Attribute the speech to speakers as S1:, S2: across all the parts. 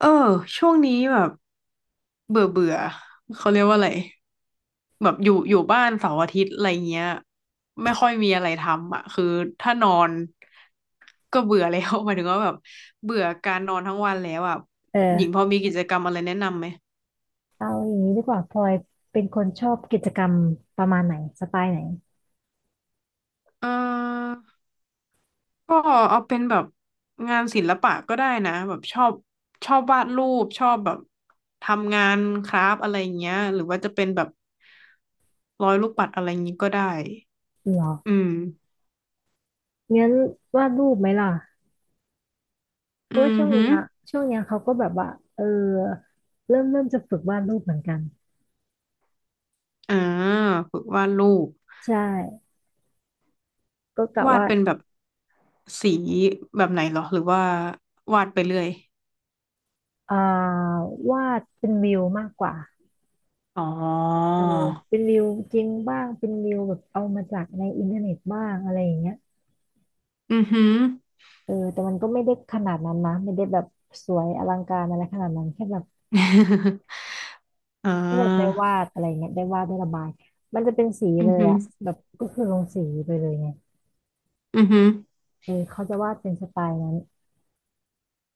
S1: เออช่วงนี้แบบเบื่อเบื่อเขาเรียกว่าอะไรแบบอยู่บ้านเสาร์อาทิตย์อะไรเงี้ยไม่ค่อยมีอะไรทำอ่ะคือถ้านอนก็เบื่อแล้ว หมายถึงว่าแบบเบื่อการนอนทั้งวันแล้วอ่ะหญิงพ
S2: เออ
S1: อมีกิจกรรมอะไรแนะนำไหม
S2: เอาอย่างนี้ดีกว่าพลอยเป็นคนชอบกิจกรรมประมาณไหนสไตล์ไหน
S1: เออก็เอาเป็นแบบงานศิลปะก็ได้นะแบบชอบวาดรูปชอบแบบทำงานคราฟต์อะไรเงี้ยหรือว่าจะเป็นแบบร้อยลูกปัดอะไรงี้ก็ได้
S2: หร
S1: อื
S2: อ
S1: ม
S2: งั้นวาดรูปไหมล่ะเพราะ
S1: อื
S2: ว่า
S1: อ
S2: ช่วง
S1: หื
S2: เนี้
S1: อ
S2: ยช่วงเนี้ยเขาก็แบบว่าเออเริ่มจะฝึกวาดรูปเหมือนกัน
S1: ่าฝึกวาดรูป
S2: ใช่ก็กะ
S1: วาด
S2: ว่า
S1: เป็นแบบสีแบบไหนเหรอหรือว่าวาดไปเรื่อย
S2: อ่าวาดเป็นวิวมากกว่า
S1: อ๋อ
S2: เออเป็นวิวจริงบ้างเป็นวิวแบบเอามาจากในอินเทอร์เน็ตบ้างอะไรอย่างเงี้ย
S1: อือฮึ
S2: เออแต่มันก็ไม่ได้ขนาดนั้นนะไม่ได้แบบสวยอลังการอะไรขนาดนั้นแค่แบบ
S1: อ่
S2: ที่แบบได้
S1: า
S2: วาดอะไรเงี้ยได้วาดได้ระบาย มันจะเป็นสี
S1: อื
S2: เล
S1: อ
S2: ย
S1: ฮึ
S2: อ่ะ
S1: อ
S2: แบบก็คือลงสีไปเลยไง
S1: ือฮึ
S2: เออเขาจะวาดเป็นสไตล์นั้น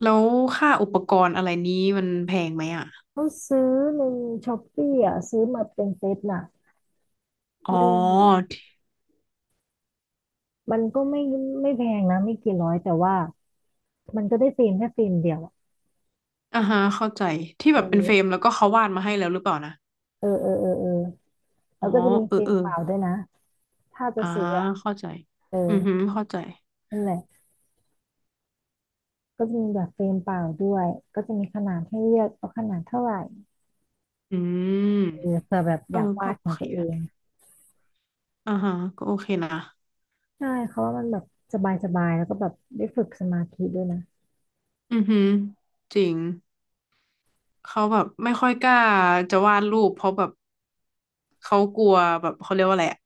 S1: แล้วค่าอุปกรณ์อะไรนี้มันแพงไหมอ่ะ
S2: เขาซื้อในช้อปปี้อ่ะซื้อมาเป็นเซตน่ะ
S1: อ๋อ
S2: มัน
S1: ที่
S2: มันก็ไม่แพงนะไม่กี่ร้อยแต่ว่ามันก็ได้ฟิล์มแค่ฟิล์มเดียวอะ
S1: อ่าฮะเข้าใจที่
S2: เ
S1: แบบเป็นเฟรม
S2: ออ
S1: แล้วก็เขาวาดมาให้แล้วหรือเปล่านะ
S2: เออเออเออเออแล้
S1: อ๋
S2: ว
S1: อ
S2: ก็จะมี
S1: เออ
S2: ฟิล์ม
S1: เออ
S2: เปล่าด้วยนะถ้าจะ
S1: อ่า
S2: ซื้ออ่ะ
S1: เข้าใจ
S2: เออ
S1: อือฮึอเข้าใจ
S2: นั่นแหละก็จะมีแบบเฟรมเปล่าด้วยก็จะมีขนาดให้เลือกเอาขนาดเท่าไหร่
S1: อื
S2: เออ
S1: ม
S2: เผื่อแบบ
S1: เอ
S2: อ
S1: อ
S2: ยาก
S1: ก็
S2: วาด
S1: โอ
S2: ของ
S1: เค
S2: ตัวเอ
S1: นะ
S2: ง
S1: อ่าฮะก็โอเคนะ
S2: ใช่เขาว่ามันแบบสบายสบายแล้วก็แบบได้ฝึกสมาธิด้วยนะ
S1: อือหือจริงเขาแบบไม่ค่อยกล้าจะวาดรูปเพราะแบบเขากลัวแบบเขาเรียกว่าอะไรอะ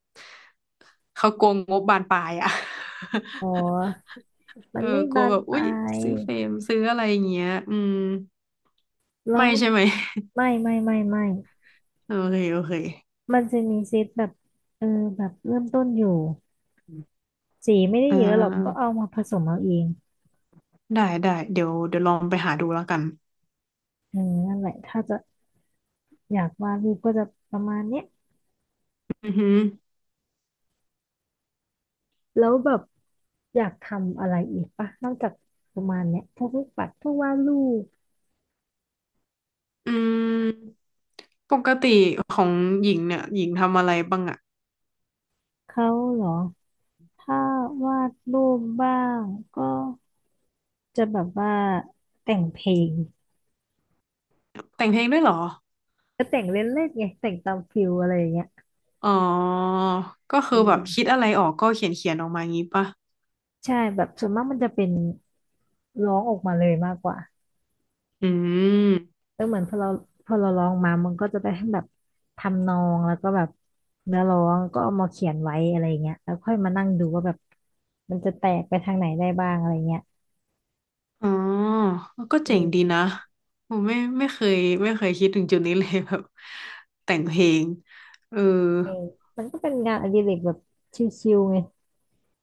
S1: เขากลัวงบบานปลายอะ
S2: อ๋ อ มั
S1: เอ
S2: น
S1: อ
S2: ไม่
S1: กลัว
S2: บาน
S1: แบบ
S2: ป
S1: อุ๊
S2: ลา
S1: ย
S2: ย
S1: ซื้อเฟรมซื้ออะไรอย่างเงี้ยอืม
S2: แล้
S1: ไม่
S2: ว
S1: ใช่ไหม
S2: ไม่ไม่ไม่ไม่
S1: โอเคโอเค
S2: มันจะมีเซตแบบเออแบบเริ่มต้นอยู่สีไม่ได้
S1: อ่
S2: เยอะหรอกก็
S1: า
S2: เอามาผสมเอาเอง
S1: ได้ได้เดี๋ยวลองไปหาดูแล้วกัน
S2: เออนั่นแหละถ้าจะอยากวาดรูปก็จะประมาณเนี้ย
S1: อือหือ
S2: แล้วแบบอยากทำอะไรอีกปะนอกจากประมาณเนี้ยพวกลูกปัดพวกวาดรูป
S1: อืมปกติของหญิงเนี่ยหญิงทำอะไรบ้างอะ
S2: เขาเหรอถ้าวาดรูปบ้างก็ จะแบบว่าแต่งเพลง
S1: แต่งเพลงด้วยเหรอ
S2: ก็แต่งเล่นๆไงแต่งตามฟิลอะไรอย่างเงี้ย
S1: อ๋อ ก็คื
S2: เอ
S1: อแบบคิด
S2: อ
S1: อะไรออกก็เขียนออกมางี้ป่ะ
S2: ใช่แบบส่วนมากมันจะเป็นร้องออกมาเลยมากกว่า
S1: อืม
S2: เออเหมือนพอเราร้องมามันก็จะได้ทั้งแบบทำนองแล้วก็แบบเนื้อร้องก็เอามาเขียนไว้อะไรอย่างเงี้ยแล้วค่อยมานั่งดูว่าแบบมันจะแตกไปทางไหนได้บ้างอะไรเงี้ย
S1: อ๋อ ก็เจ๋งดี
S2: เออ
S1: นะผมไม่เคยไม่เคยคิดถึงจุดนี้เลย แบบแต่งเพลงเออ
S2: เออมันก็เป็นงานอดิเรกแบบชิลๆไง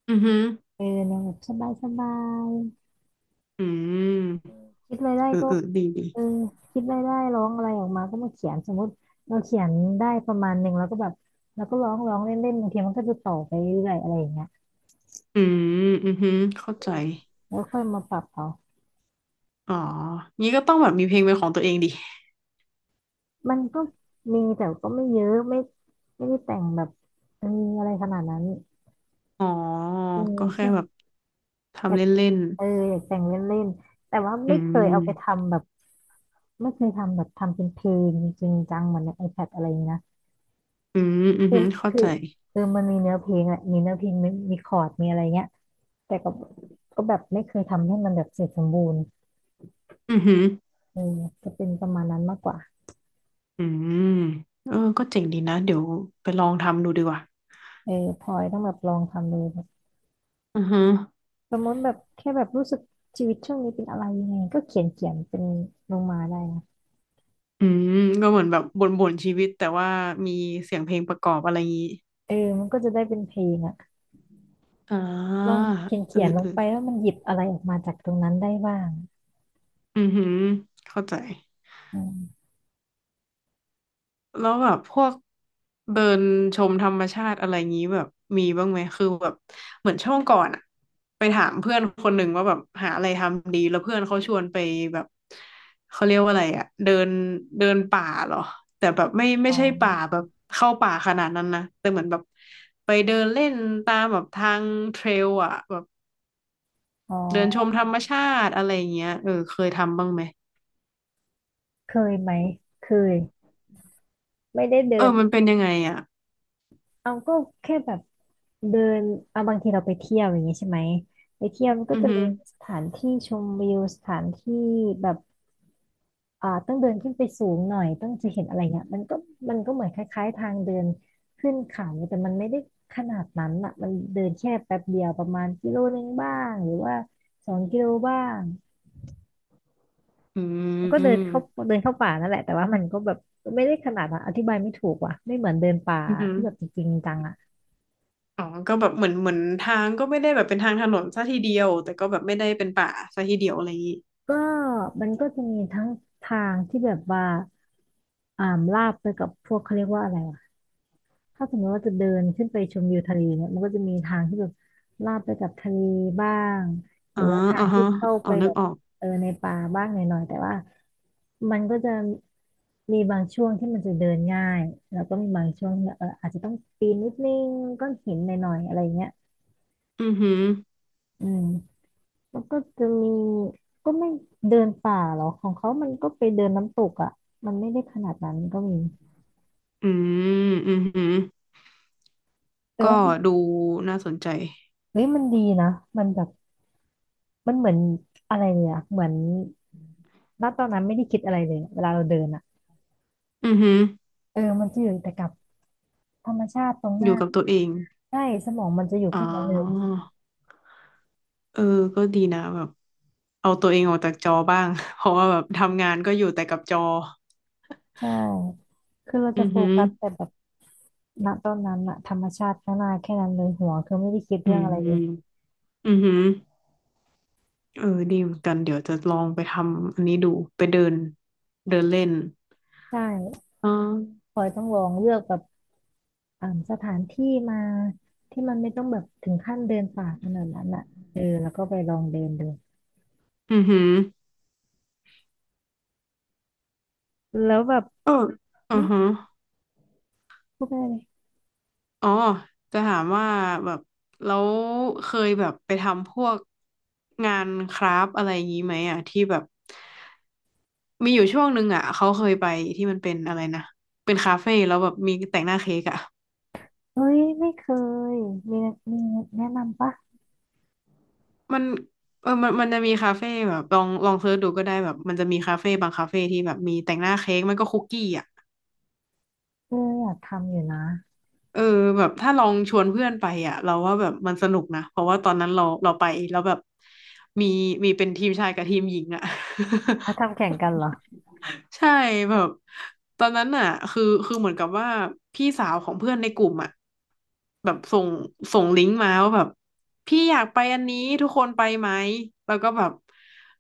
S1: อือหือ
S2: เออแนวแบบสบาย
S1: อืม
S2: ๆคิดอะไรได้
S1: เออ
S2: ก็
S1: เออดีดี
S2: เออคิดได้ร้องอะไรออกมาก็มาเขียนสมมติเราเขียนได้ประมาณหนึ่งแล้วก็แบบเราก็ร้องร้องเล่นเล่นบางทีมันก็จะต่อไปเรื่อยอะไรอย่างเงี้ย
S1: อืมอือหือเข้าใจ
S2: แล้วค่อยมาปรับเอา
S1: อ๋องี้ก็ต้องแบบมีเพลงเป็นของตัวเองดิ
S2: มันก็มีแต่ก็ไม่เยอะไม่ได้แต่งแบบเอออะไรขนาดนั้น
S1: อ๋อ
S2: เออ
S1: ก็แค่
S2: ใช่
S1: แบบ
S2: อ
S1: ทำ
S2: ยา
S1: เ
S2: ก
S1: ล่น
S2: เอออยากแต่งเล่นเล่นแต่ว่า
S1: ๆ อื
S2: ไม่เคยเอา
S1: ม
S2: ไปทำแบบไม่เคยทำแบบทำเป็นเพลงจริงจังเหมือนใน iPad อะไรอย่างเงี้ยนะ
S1: อืมอือ
S2: คือ
S1: หือเข้า
S2: คือ
S1: ใจ
S2: เออมันมีเนื้อเพลงแหละมีเนื้อเพลงมีคอร์ดมีอะไรเงี้ย แต่ก็แบบไม่เคยทำให้มันแบบเสร็จสมบูรณ์
S1: อือหือ
S2: เออจะเป็นประมาณนั้นมากกว่า
S1: อืมเออก็เจ๋งดีนะเดี๋ยวไปลองทำดูดีกว่า
S2: เออพลอยต้องแบบลองทำเลยแบบ
S1: อือฮึ
S2: สมมติแบบแค่แบบรู้สึกชีวิตช่วงนี้เป็นอะไรยังไงก็เขียนเขียนเป็นลงมาได้นะ
S1: อืมก็เหมือนแบบบ่นๆชีวิตแต่ว่ามีเสียงเพลงประกอบอะไรงี้
S2: เออมันก็จะได้เป็นเพลงอ่ะ
S1: อ่า
S2: ลองเขียน
S1: เออ
S2: เขียนล
S1: เอ
S2: ง
S1: อ
S2: ไปว่ามันหยิบอะไรออกมาจากตรงนั้นได้บ้าง
S1: อือหือเข้าใจ
S2: อืม
S1: แล้วแบบพวกเดินชมธรรมชาติอะไรงี้แบบมีบ้างไหมคือแบบเหมือนช่วงก่อนอะไปถามเพื่อนคนหนึ่งว่าแบบหาอะไรทำดีแล้วเพื่อนเขาชวนไปแบบเขาเรียกว่าอะไรอะเดินเดินป่าเหรอแต่แบบไม่
S2: อ๋อ
S1: ใช่ป่าแบบเข้าป่าขนาดนั้นนะแต่เหมือนแบบไปเดินเล่นตามแบบทางเทรลอะแบบ
S2: อ๋อ
S1: เดินชมธรรมชาติอะไรอย่างเงี้ยเออเคยทำบ้างไหม
S2: เคยไหมเคยไม่ได้เดิ
S1: เอ
S2: น
S1: อมันเป็นยังไงอะ
S2: เอาก็แค่แบบเดินเอาบางทีเราไปเที่ยวอย่างงี้ใช่ไหมไปเที่ยวมันก็
S1: อือ
S2: จะ
S1: หื
S2: มี
S1: อ
S2: สถานที่ชมวิวสถานที่แบบต้องเดินขึ้นไปสูงหน่อยต้องจะเห็นอะไรเงี้ยมันก็เหมือนคล้ายๆทางเดินขึ้นเขา่แต่มันไม่ได้ขนาดนั้นอ่ะมันเดินแค่แป๊บเดียวประมาณกิโลนึงบ้างหรือว่าสองกิโลบ้าง
S1: อื
S2: มันก็เดินเข้า
S1: ม
S2: เดินเข้าป่านั่นแหละแต่ว่ามันก็แบบไม่ได้ขนาดนั้นอธิบายไม่ถูกว่ะไม่เหมือนเดินป่า
S1: อือหือ
S2: ที่แบบจริงๆจังอ่ะ
S1: อ๋อก็แบบเหมือนเหมือนทางก็ไม่ได้แบบเป็นทางถนนซะทีเดียว แต่ก็แบบไม่ได้เป็นป่าซะทีเดียวอะไรอย่างงี้
S2: ก็มันก็จะมีทั้งทางที่แบบว่าอ่าลาบไปกับพวกเขาเรียกว่าอะไรอะถ้าสมมติว่าจะเดินขึ้นไปชมวิวทะเลเนี่ยมันก็จะมีทางที่แบบลาบไปกับทะเลบ้างห
S1: อ๋
S2: รื
S1: อ
S2: อว่าทา
S1: อ๋อ
S2: งที่
S1: ฮะ
S2: เข้า
S1: อ๋อ
S2: ไป
S1: นึ
S2: แบ
S1: ก
S2: บ
S1: ออก
S2: เออในป่าบ้างหน่อยๆแต่ว่ามันก็จะมีบางช่วงที่มันจะเดินง่ายแล้วก็มีบางช่วงที่เอออาจจะต้องปีนนิดนึงก้อนหินหน่อยๆอะไรเงี้ย
S1: อือหือ
S2: อืม แล้วก็จะมีก็ไม่เดินป่าหรอกของเขามันก็ไปเดินน้ำตกอ่ะมันไม่ได้ขนาดนั้นก็มี
S1: อืมอือหือ
S2: แต่
S1: ก็
S2: ว่า
S1: ดูน่าสนใจ
S2: เฮ้ยมันดีนะมันแบบมันเหมือนอะไรเนี่ยอะเหมือนณตอนนั้นไม่ได้คิดอะไรเลยเวลาเราเดินอ่ะ
S1: อือหือ
S2: เออมันจะอยู่แต่กับธรรมชาติตรงห
S1: อ
S2: น้า
S1: ยู่กับตัวเอง
S2: ใช่สมองมันจะอยู่
S1: อ๋อ
S2: แค่นั้นเลย
S1: เออก็ดีนะแบบเอาตัวเองออกจากจอบ้าง เพราะว่าแบบทำงานก็อยู่แต่กับจอ
S2: ใช่คือเรา
S1: อื
S2: จะ
S1: อ
S2: โฟ
S1: หือ
S2: กัสแต่แบบณตอนนั้นอะธรรมชาติข้างหน้าแค่นั้นเลยหัวคือไม่ได้คิด
S1: อื
S2: เรื่อง
S1: ม
S2: อะไรเลย
S1: อือหือเออดีเหมือนกันเดี๋ยวจะลองไปทำอันนี้ดู ไปเดินเดินเล่น
S2: ใช่
S1: อ๋อ
S2: พลอยต้องลองเลือกแบบ สถานที่มาที่มันไม่ต้องแบบถึงขั้นเดินป่าขนาดนั้นอ่ะเออแล้วก็ไปลองเดินดู
S1: อือหือ
S2: แล้วแบบ
S1: เอออื
S2: หึ
S1: อฮะ
S2: พูดไปเลย
S1: อ๋อจะถามว่าแบบแล้วเคยแบบไปทำพวกงานคราฟต์อะไรอย่างนี้ไหมอ่ะที่แบบมีอยู่ช่วงหนึ่งอ่ะเขาเคยไปที่มันเป็นอะไรนะเป็นคาเฟ่แล้วแบบมีแต่งหน้าเค้กอ่ะ
S2: เอ้ยไม่เคยมีมีแนะนำปะ
S1: มันเออมันมันจะมีคาเฟ่แบบลองเสิร์ชดูก็ได้แบบมันจะมีคาเฟ่บางคาเฟ่ที่แบบมีแต่งหน้าเค้กมันก็คุกกี้อ่ะ
S2: เอออยากทำอยู่นะ
S1: เออแบบถ้าลองชวนเพื่อนไปอ่ะเราว่าแบบมันสนุกนะเพราะว่าตอนนั้นเราไปแล้วแบบมีมีเป็นทีมชายกับทีมหญิงอ่ะ
S2: อ่ะทำแข่งกันเหรอ
S1: ใช่แบบตอนนั้นน่ะคือเหมือนกับว่าพี่สาวของเพื่อนในกลุ่มอ่ะแบบส่งลิงก์มาว่าแบบพี่อยากไปอันนี้ทุกคนไปไหมแล้วก็แบบ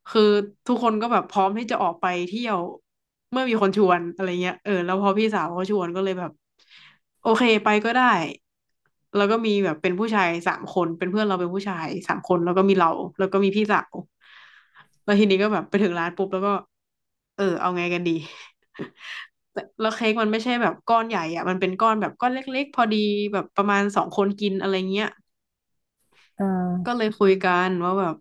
S1: คือทุกคนก็แบบพร้อมที่จะออกไปเที่ยวเมื่อมีคนชวนอะไรเงี้ยเออแล้วพอพี่สาวเขาชวนก็เลยแบบโอเคไปก็ได้แล้วก็มีแบบเป็นผู้ชายสามคนเป็นเพื่อนเราเป็นผู้ชายสามคนแล้วก็มีเราแล้วก็มีพี่สาว แล้วทีนี้ก็แบบไปถึงร้านปุ๊บแล้วก็เออเอาไงกันดี แต่แล้วเค้กมันไม่ใช่แบบก้อนใหญ่อ่ะมันเป็นก้อนแบบก้อนเล็กๆพอดีแบบประมาณสองคนกินอะไรเงี้ย
S2: เอ
S1: ก็เล
S2: อ
S1: ยคุยกันว่าแบบ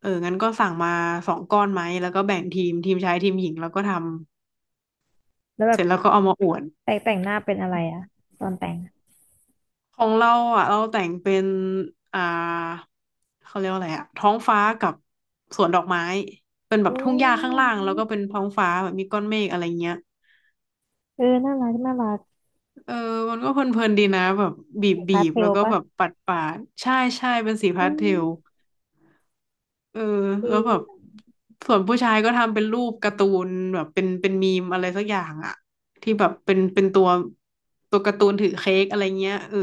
S1: เอองั้นก็สั่งมาสองก้อนไหมแล้วก็แบ่งทีมทีมชายทีมหญิงแล้วก็ทำ
S2: แล้วแบ
S1: เส
S2: บ
S1: ร็จแล้วก็เอามาอวด
S2: แต่งหน้าเป็นอะไรอ่ะตอนแต่งอะ
S1: ของเราอ่ะเราแต่งเป็นอ่าเขาเรียกว่าอะไรอ่ะท้องฟ้ากับสวนดอกไม้เป็นแบบ
S2: โอ้
S1: ทุ่งห
S2: ย
S1: ญ้า
S2: น่า
S1: ข้าง
S2: ร
S1: ล่างแล้ว
S2: ั
S1: ก็
S2: ก
S1: เป็นท้องฟ้าแบบมีก้อนเมฆอะไรเงี้ย
S2: เออน่ารักน่ารัก
S1: เออมันก็เพลินๆดีนะแบบบีบ
S2: สี
S1: บี
S2: พาส
S1: บ
S2: เท
S1: แล้
S2: ล
S1: วก็
S2: ปะ
S1: แบบปัดปาดใช่ใช่เป็นสี
S2: อื
S1: พาสเทล
S2: ม
S1: เออ
S2: ดี
S1: แล้วแบบส่วนผู้ชายก็ทำเป็นรูปการ์ตูนแบบเป็นมีมอะไรสักอย่างอะที่แบบเป็นเป็นตัวการ์ตูนถือเค้กอะไรเงี้ยเออ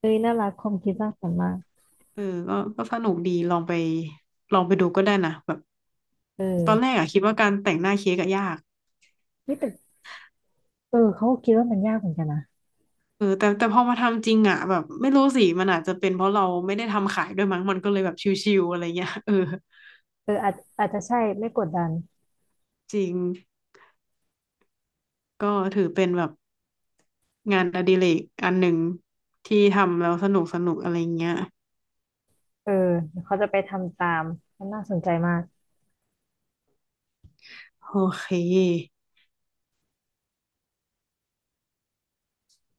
S2: เอ้ยน่ารักความคิดสร้างสรรค์มาก
S1: เออก็ก็สนุกดีลองไปดูก็ได้นะแบบ
S2: เอ
S1: ต
S2: อ
S1: อนแรกอะคิดว่าการแต่งหน้าเค้กอะยาก
S2: นี่แต่เออเขาก็คิดว่ามันยากเหมือนกันนะ
S1: เออแต่พอมาทำจริงอะแบบไม่รู้สิมันอาจจะเป็นเพราะเราไม่ได้ทำขายด้วยมั้งมันก็เลยแบบชิวๆอะไรเงี้ยเออ
S2: เอออาจจะใช่ไม่กดดัน
S1: จริง ก็ถือเป็นแบบงานอดิเรกอันหนึ่งที่ทำแล้วสนุกสนุกอะไรเงี้ย
S2: เออเดี๋ยวเขาจะไปทำตามมันน่าสนใจมาก
S1: โอเค